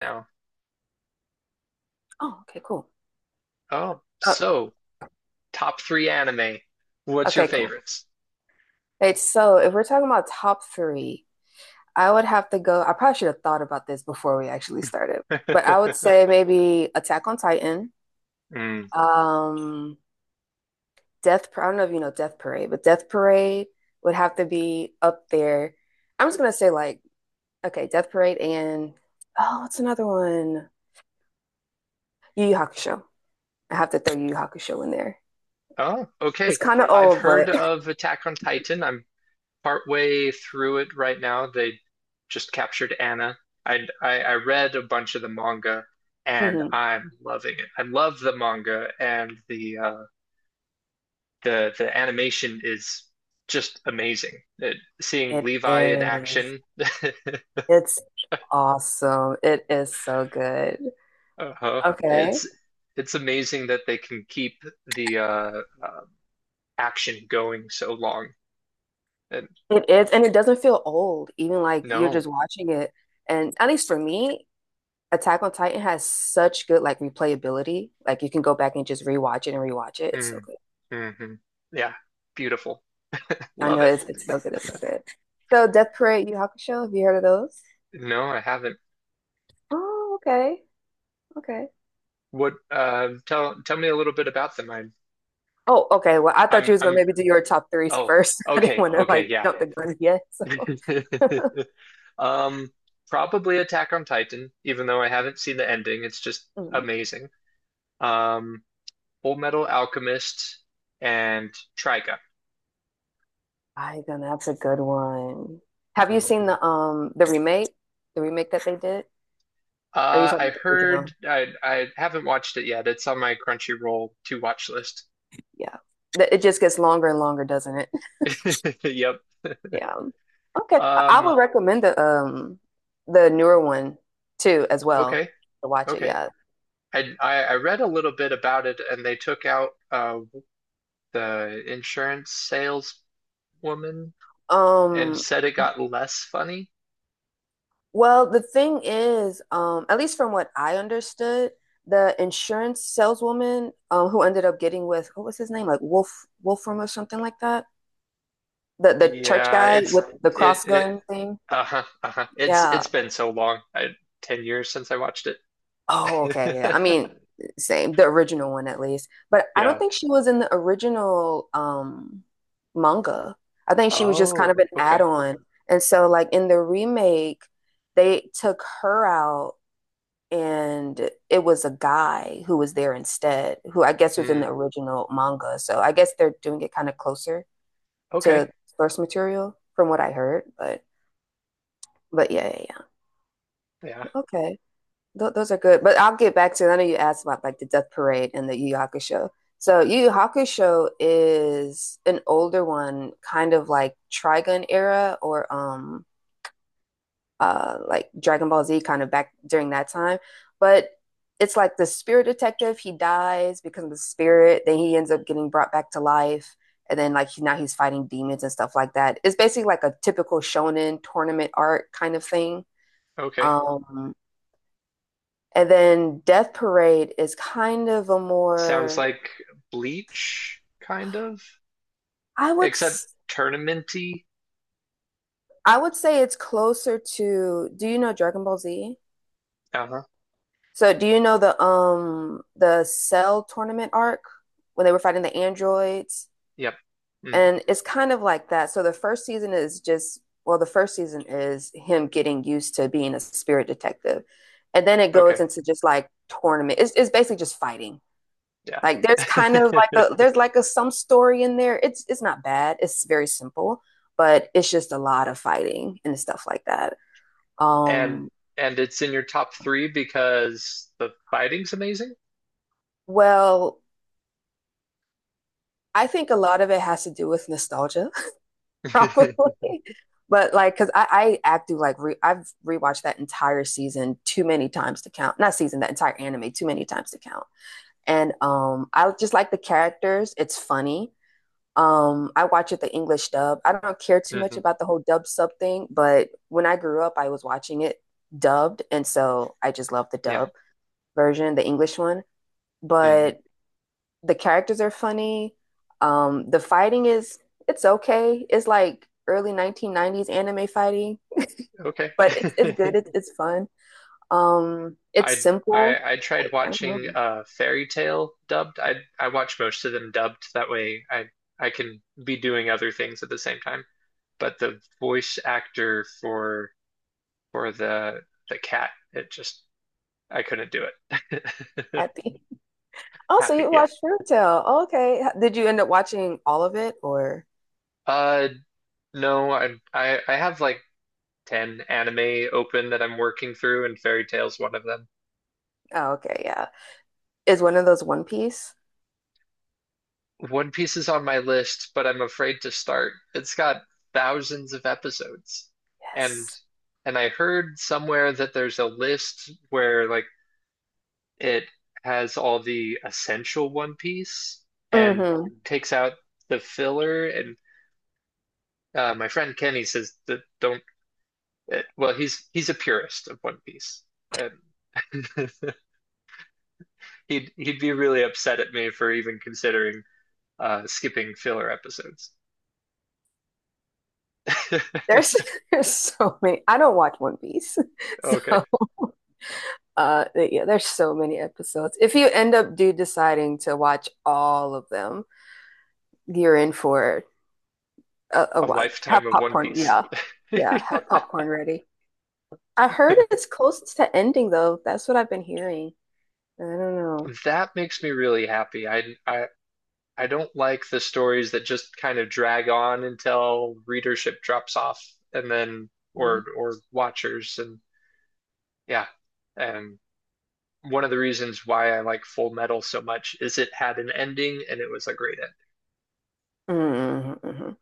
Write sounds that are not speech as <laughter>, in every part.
Now. Oh, okay, cool. Oh, Uh, so top three anime. What's your okay, cool. favorites? Wait, so if we're talking about top three, I would have to go. I probably should have thought about this before we actually started, but I would <laughs> say maybe Attack on Titan, Mm. um, I don't know if you know Death Parade, but Death Parade would have to be up there. I'm just gonna say like, okay, Death Parade and oh, what's another one? Yu Yu Hakusho. I have to throw Yu Yu Hakusho in there. Oh, It's okay. kind of I've old, heard but of Attack on Titan. I'm partway through it right now. They just captured Anna. I read a bunch of the manga, <laughs> and Mhm. I'm loving it. I love the manga, and the animation is just amazing. It, seeing It Levi in is. action. <laughs> It's awesome. It is so good. Uh-huh. Okay. It's it's amazing that they can keep the action going so long. And It is, and it doesn't feel old, even like you're no. just watching it. And at least for me, Attack on Titan has such good like replayability. Like you can go back and just rewatch it and rewatch it. It's so Mm. good. Hmm. Yeah. Beautiful. <laughs> I Love know it. it's so good. It's so good. So Death Parade, Yu Yu Hakusho, have you heard of those? No, I haven't. Oh, okay. Okay. What tell me a little bit about them. I'm Oh, okay. Well, I thought I'm you was gonna I'm maybe do your top threes oh, first. <laughs> I didn't okay. want to Okay, like yeah. jump the gun yet. So <laughs> <laughs> Um Probably Attack on Titan, even though I haven't seen the ending. It's just Mhm. amazing. Um Full Metal Alchemist and Trigun. I then that's a good one. Have you seen Mm-hmm. the remake? The remake that they did? Or are you talking I about the heard original? I haven't watched it yet. It's on my Crunchyroll to watch list. <laughs> Yeah. It just gets longer and longer, doesn't it? <laughs> Yep. Yeah. Okay. I Um, would recommend the newer one too as well okay. to watch it, Okay. yeah. I read a little bit about it and they took out the insurance saleswoman and Um said it got less funny. well, the thing is, at least from what I understood, the insurance saleswoman who ended up getting with what was his name? Like Wolfram or something like that? The church Yeah, guy it's with the it cross it gun thing. uh-huh, uh-huh. It's Yeah. it's been so long. I 10 years since I watched it. Oh, okay. Yeah. I <laughs> mean, same, the original one at least. But I don't Yeah. think she was in the original manga. I think she was just kind Oh, of an okay. add-on. And so like in the remake, they took her out and it was a guy who was there instead, who I guess was in Hmm. the original manga. So I guess they're doing it kind of closer Okay. to source material from what I heard, but yeah, yeah, Yeah. yeah. Okay. Th those are good. But I'll get back to I know you asked about like the Death Parade and the Yu Yu Hakusho. So Yu Yu Hakusho is an older one, kind of like Trigun era or like Dragon Ball Z kind of back during that time. But it's like the spirit detective, he dies, becomes a spirit, then he ends up getting brought back to life. And then like he, now he's fighting demons and stuff like that. It's basically like a typical shonen tournament art kind of thing. Okay. Um, and then Death Parade is kind of a Sounds more like Bleach, kind of, I would except I tournamenty. would say it's closer to do you know Dragon Ball Z? Uh-huh. So do you know the Cell tournament arc when they were fighting the androids? Yep. Mm, And it's kind of like that. So the first season is just well, the first season is him getting used to being a spirit detective. And then it goes okay. into just like tournament. It's basically just fighting. Yeah. Like there's kind of like a <laughs> there's like a some story in there. It's not bad. It's very simple, but it's just a lot of fighting and stuff like that. And Um, and it's in your top three because the fighting's amazing. well, I think a lot of it has to do with nostalgia, <laughs> <laughs> probably. But like, cause I act do like re- I've rewatched that entire season too many times to count. Not season, that entire anime too many times to count. And I just like the characters. It's funny. I watch it the English dub. I don't care too much Hmm. about the whole dub sub thing, but when I grew up, I was watching it dubbed, and so I just love the Yeah. dub version, the English one. Hmm. But the characters are funny. The fighting is it's okay. It's like early 1990s anime fighting, Okay. but it's good. <laughs> It's fun. It's I simple. I I tried I don't know. watching Fairy Tale dubbed. I watch most of them dubbed. That way I can be doing other things at the same time. But the voice actor for the cat. It just I couldn't do it. <laughs> Happy. Also, Happy, you yep. watched Fruitvale. Okay. Did you end up watching all of it or? Uh, no, I have like 10 anime open that I'm working through, and Fairy Tail's one of them. Oh, okay. Yeah. Is one of those One Piece. One Piece is on my list, but I'm afraid to start. It's got thousands of episodes. And Yes. and I heard somewhere that there's a list where like it has all the essential One Piece and Mm-hmm. takes out the filler and my friend Kenny says that don't. Well, he's a purist of One Piece, and <laughs> he'd be really upset at me for even considering skipping filler episodes. <laughs> There's <laughs> there's so many. I don't watch One Piece, <laughs> Okay, so yeah, there's so many episodes. If you end up do deciding to watch all of them, you're in for a a while. Have lifetime of One popcorn, Piece. yeah, <laughs> yeah. Have popcorn ready. I heard it's close to ending though. That's what I've been hearing. I don't know. That makes me really happy. I don't like the stories that just kind of drag on until readership drops off, and then Mhm. Or watchers, and yeah, and one of the reasons why I like Full Metal so much is it had an ending and it was a great ending. Mhm, mhm.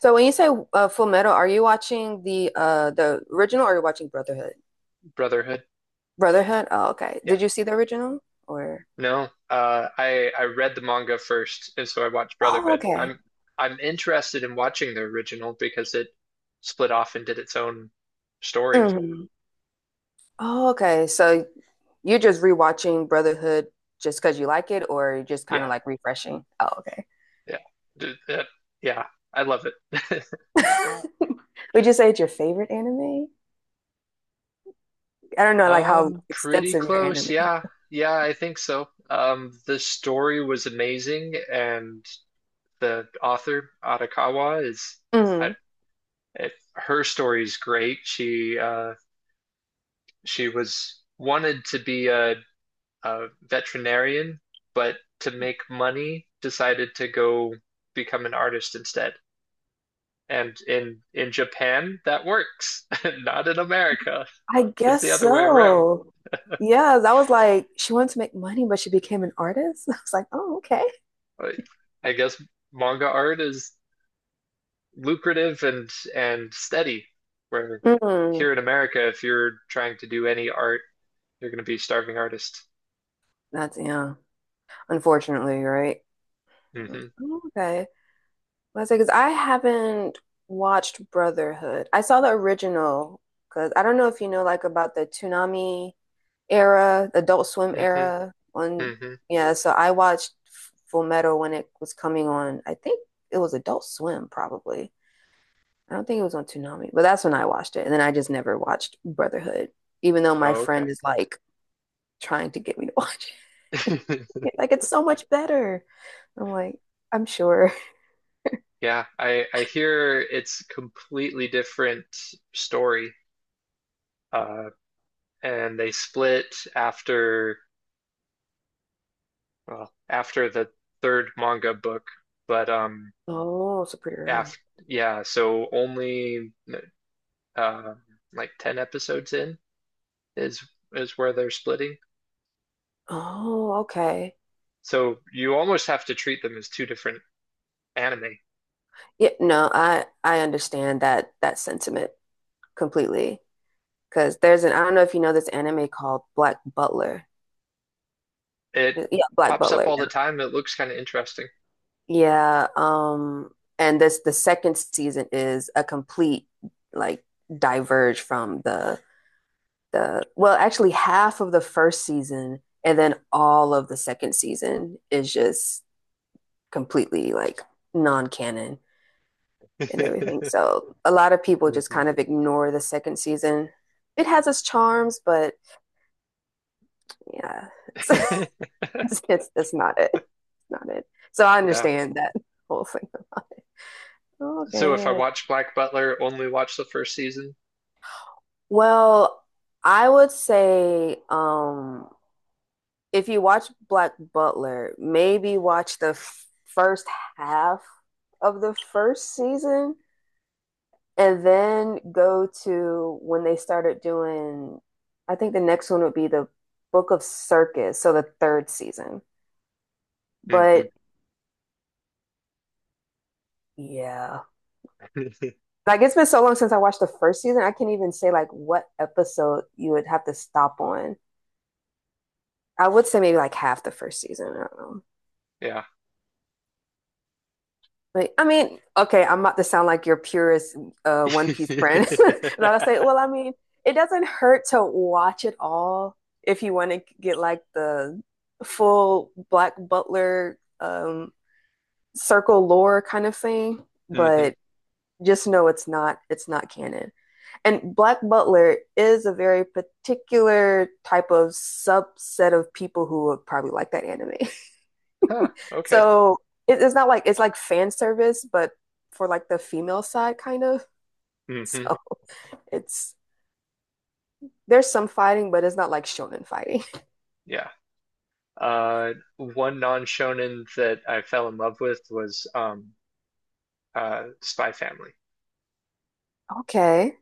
So when you say Full Metal, are you watching the original or are you watching Brotherhood? Brotherhood. Brotherhood? Oh, okay. Yeah. Did you see the original or? No. I read the manga first and so I watched Oh, Brotherhood. okay. I'm interested in watching the original because it split off and did its own story. Hmm. Oh, okay. So you're just rewatching Brotherhood just because you like it, or you're just kind of Yeah. like refreshing? Oh, okay. Yeah. D- uh, yeah. I love it. <laughs> <laughs> Would you say it's your favorite anime? I don't know, like how Pretty extensive your anime. close. Yeah. Yeah, I think so. The story was amazing and the author Arakawa is I, Mhm. Her story's great. She was wanted to be a veterinarian, but to make money, decided to go become an artist instead. And in Japan, that works. <laughs> Not in America. I It's guess the other way around. so. Yeah, that was like she wanted to make money, but she became an artist. <laughs> I was like, oh, okay. I guess manga art is lucrative and steady. Where Mhm. here in America, if you're trying to do any art, you're going to be starving artist. That's yeah. Unfortunately, right? Mm. Hmm. Okay. Well, I say, because I haven't watched Brotherhood. I saw the original because I don't know if you know like about the Toonami era, Adult Swim Hmm. era. On Hmm. yeah, so I watched Full Metal when it was coming on. I think it was Adult Swim probably. I don't think it was on Toonami, but that's when I watched it. And then I just never watched Brotherhood, even though my Oh, friend okay. is like trying to get me to watch it. <laughs> <laughs> Like it's so much better. I'm like, I'm sure. Yeah, I hear it's completely different story. Uh, and they split after after the third manga book, but Oh, so pretty early. after yeah, so only um like 10 episodes in is is where they're splitting. Oh, okay. So you almost have to treat them as two different anime. Yeah, no, I understand that that sentiment completely. Because there's an I don't know if you know this anime called Black Butler. It Yeah, Black pops up Butler. all Yeah. the time. It looks kind of interesting. Yeah, and this the second season is a complete like diverge from the well, actually half of the first season and then all of the second season is just completely like non-canon. And everything. <laughs> So a lot of people just Mhm. kind of ignore the second season. It has its charms, but yeah, it's <laughs> <laughs> it's not it. It's not it. So I Yeah. understand that whole thing about it. So if I Okay. watch Black Butler, only watch the first season. Well, I would say if you watch Black Butler, maybe watch the first half of the first season and then go to when they started doing, I think the next one would be the Book of Circus, so the third season. Hmm. But yeah, <laughs> like it's been so long since I watched the first season, I can't even say like what episode you would have to stop on. I would say maybe like half the first season. I don't know. Yeah. Like, I mean, okay, I'm about to sound like your purest One Piece friend. <laughs> <laughs> And I'll say, well, I mean, it doesn't hurt to watch it all if you want to get like the full Black Butler circle lore kind of thing. Hmm. But just know it's not canon. And Black Butler is a very particular type of subset of people who would probably like that anime. Huh. Okay. So it's not like it's like fan service, but for like the female side, kind of. <laughs> Hmm. So it's there's some fighting, but it's not like shonen fighting. <laughs> Yeah. One non-shonen that I fell in love with was Spy Family. Okay,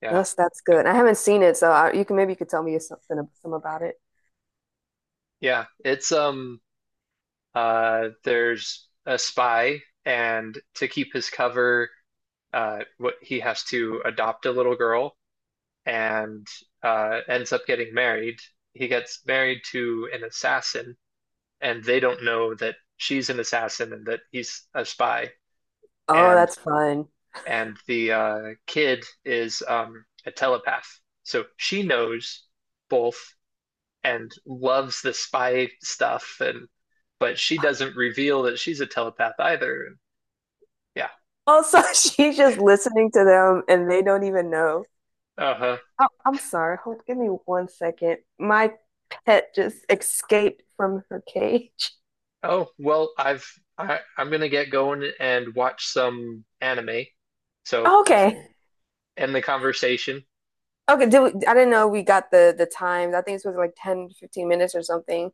Yeah. that's good. I haven't seen it, so you can maybe you could tell me something some about it. Yeah, it's there's a spy and to keep his cover what he has to adopt a little girl and ends up getting married. He gets married to an assassin, and they don't know that she's an assassin and that he's a spy. Oh, And that's fun. and the kid is a telepath, so she knows both and loves the spy stuff, and but she doesn't reveal that she's a telepath either. And yeah, Also, <laughs> she's just listening to them, and they don't even know. uh-huh. Oh, I'm sorry. Give me 1 second. My pet just escaped from her cage. Oh, well, I've I'm gonna get going and watch some anime. So Okay. end the conversation. Okay, I didn't know we got the times. I think it's supposed to be like 10, 15 minutes or something.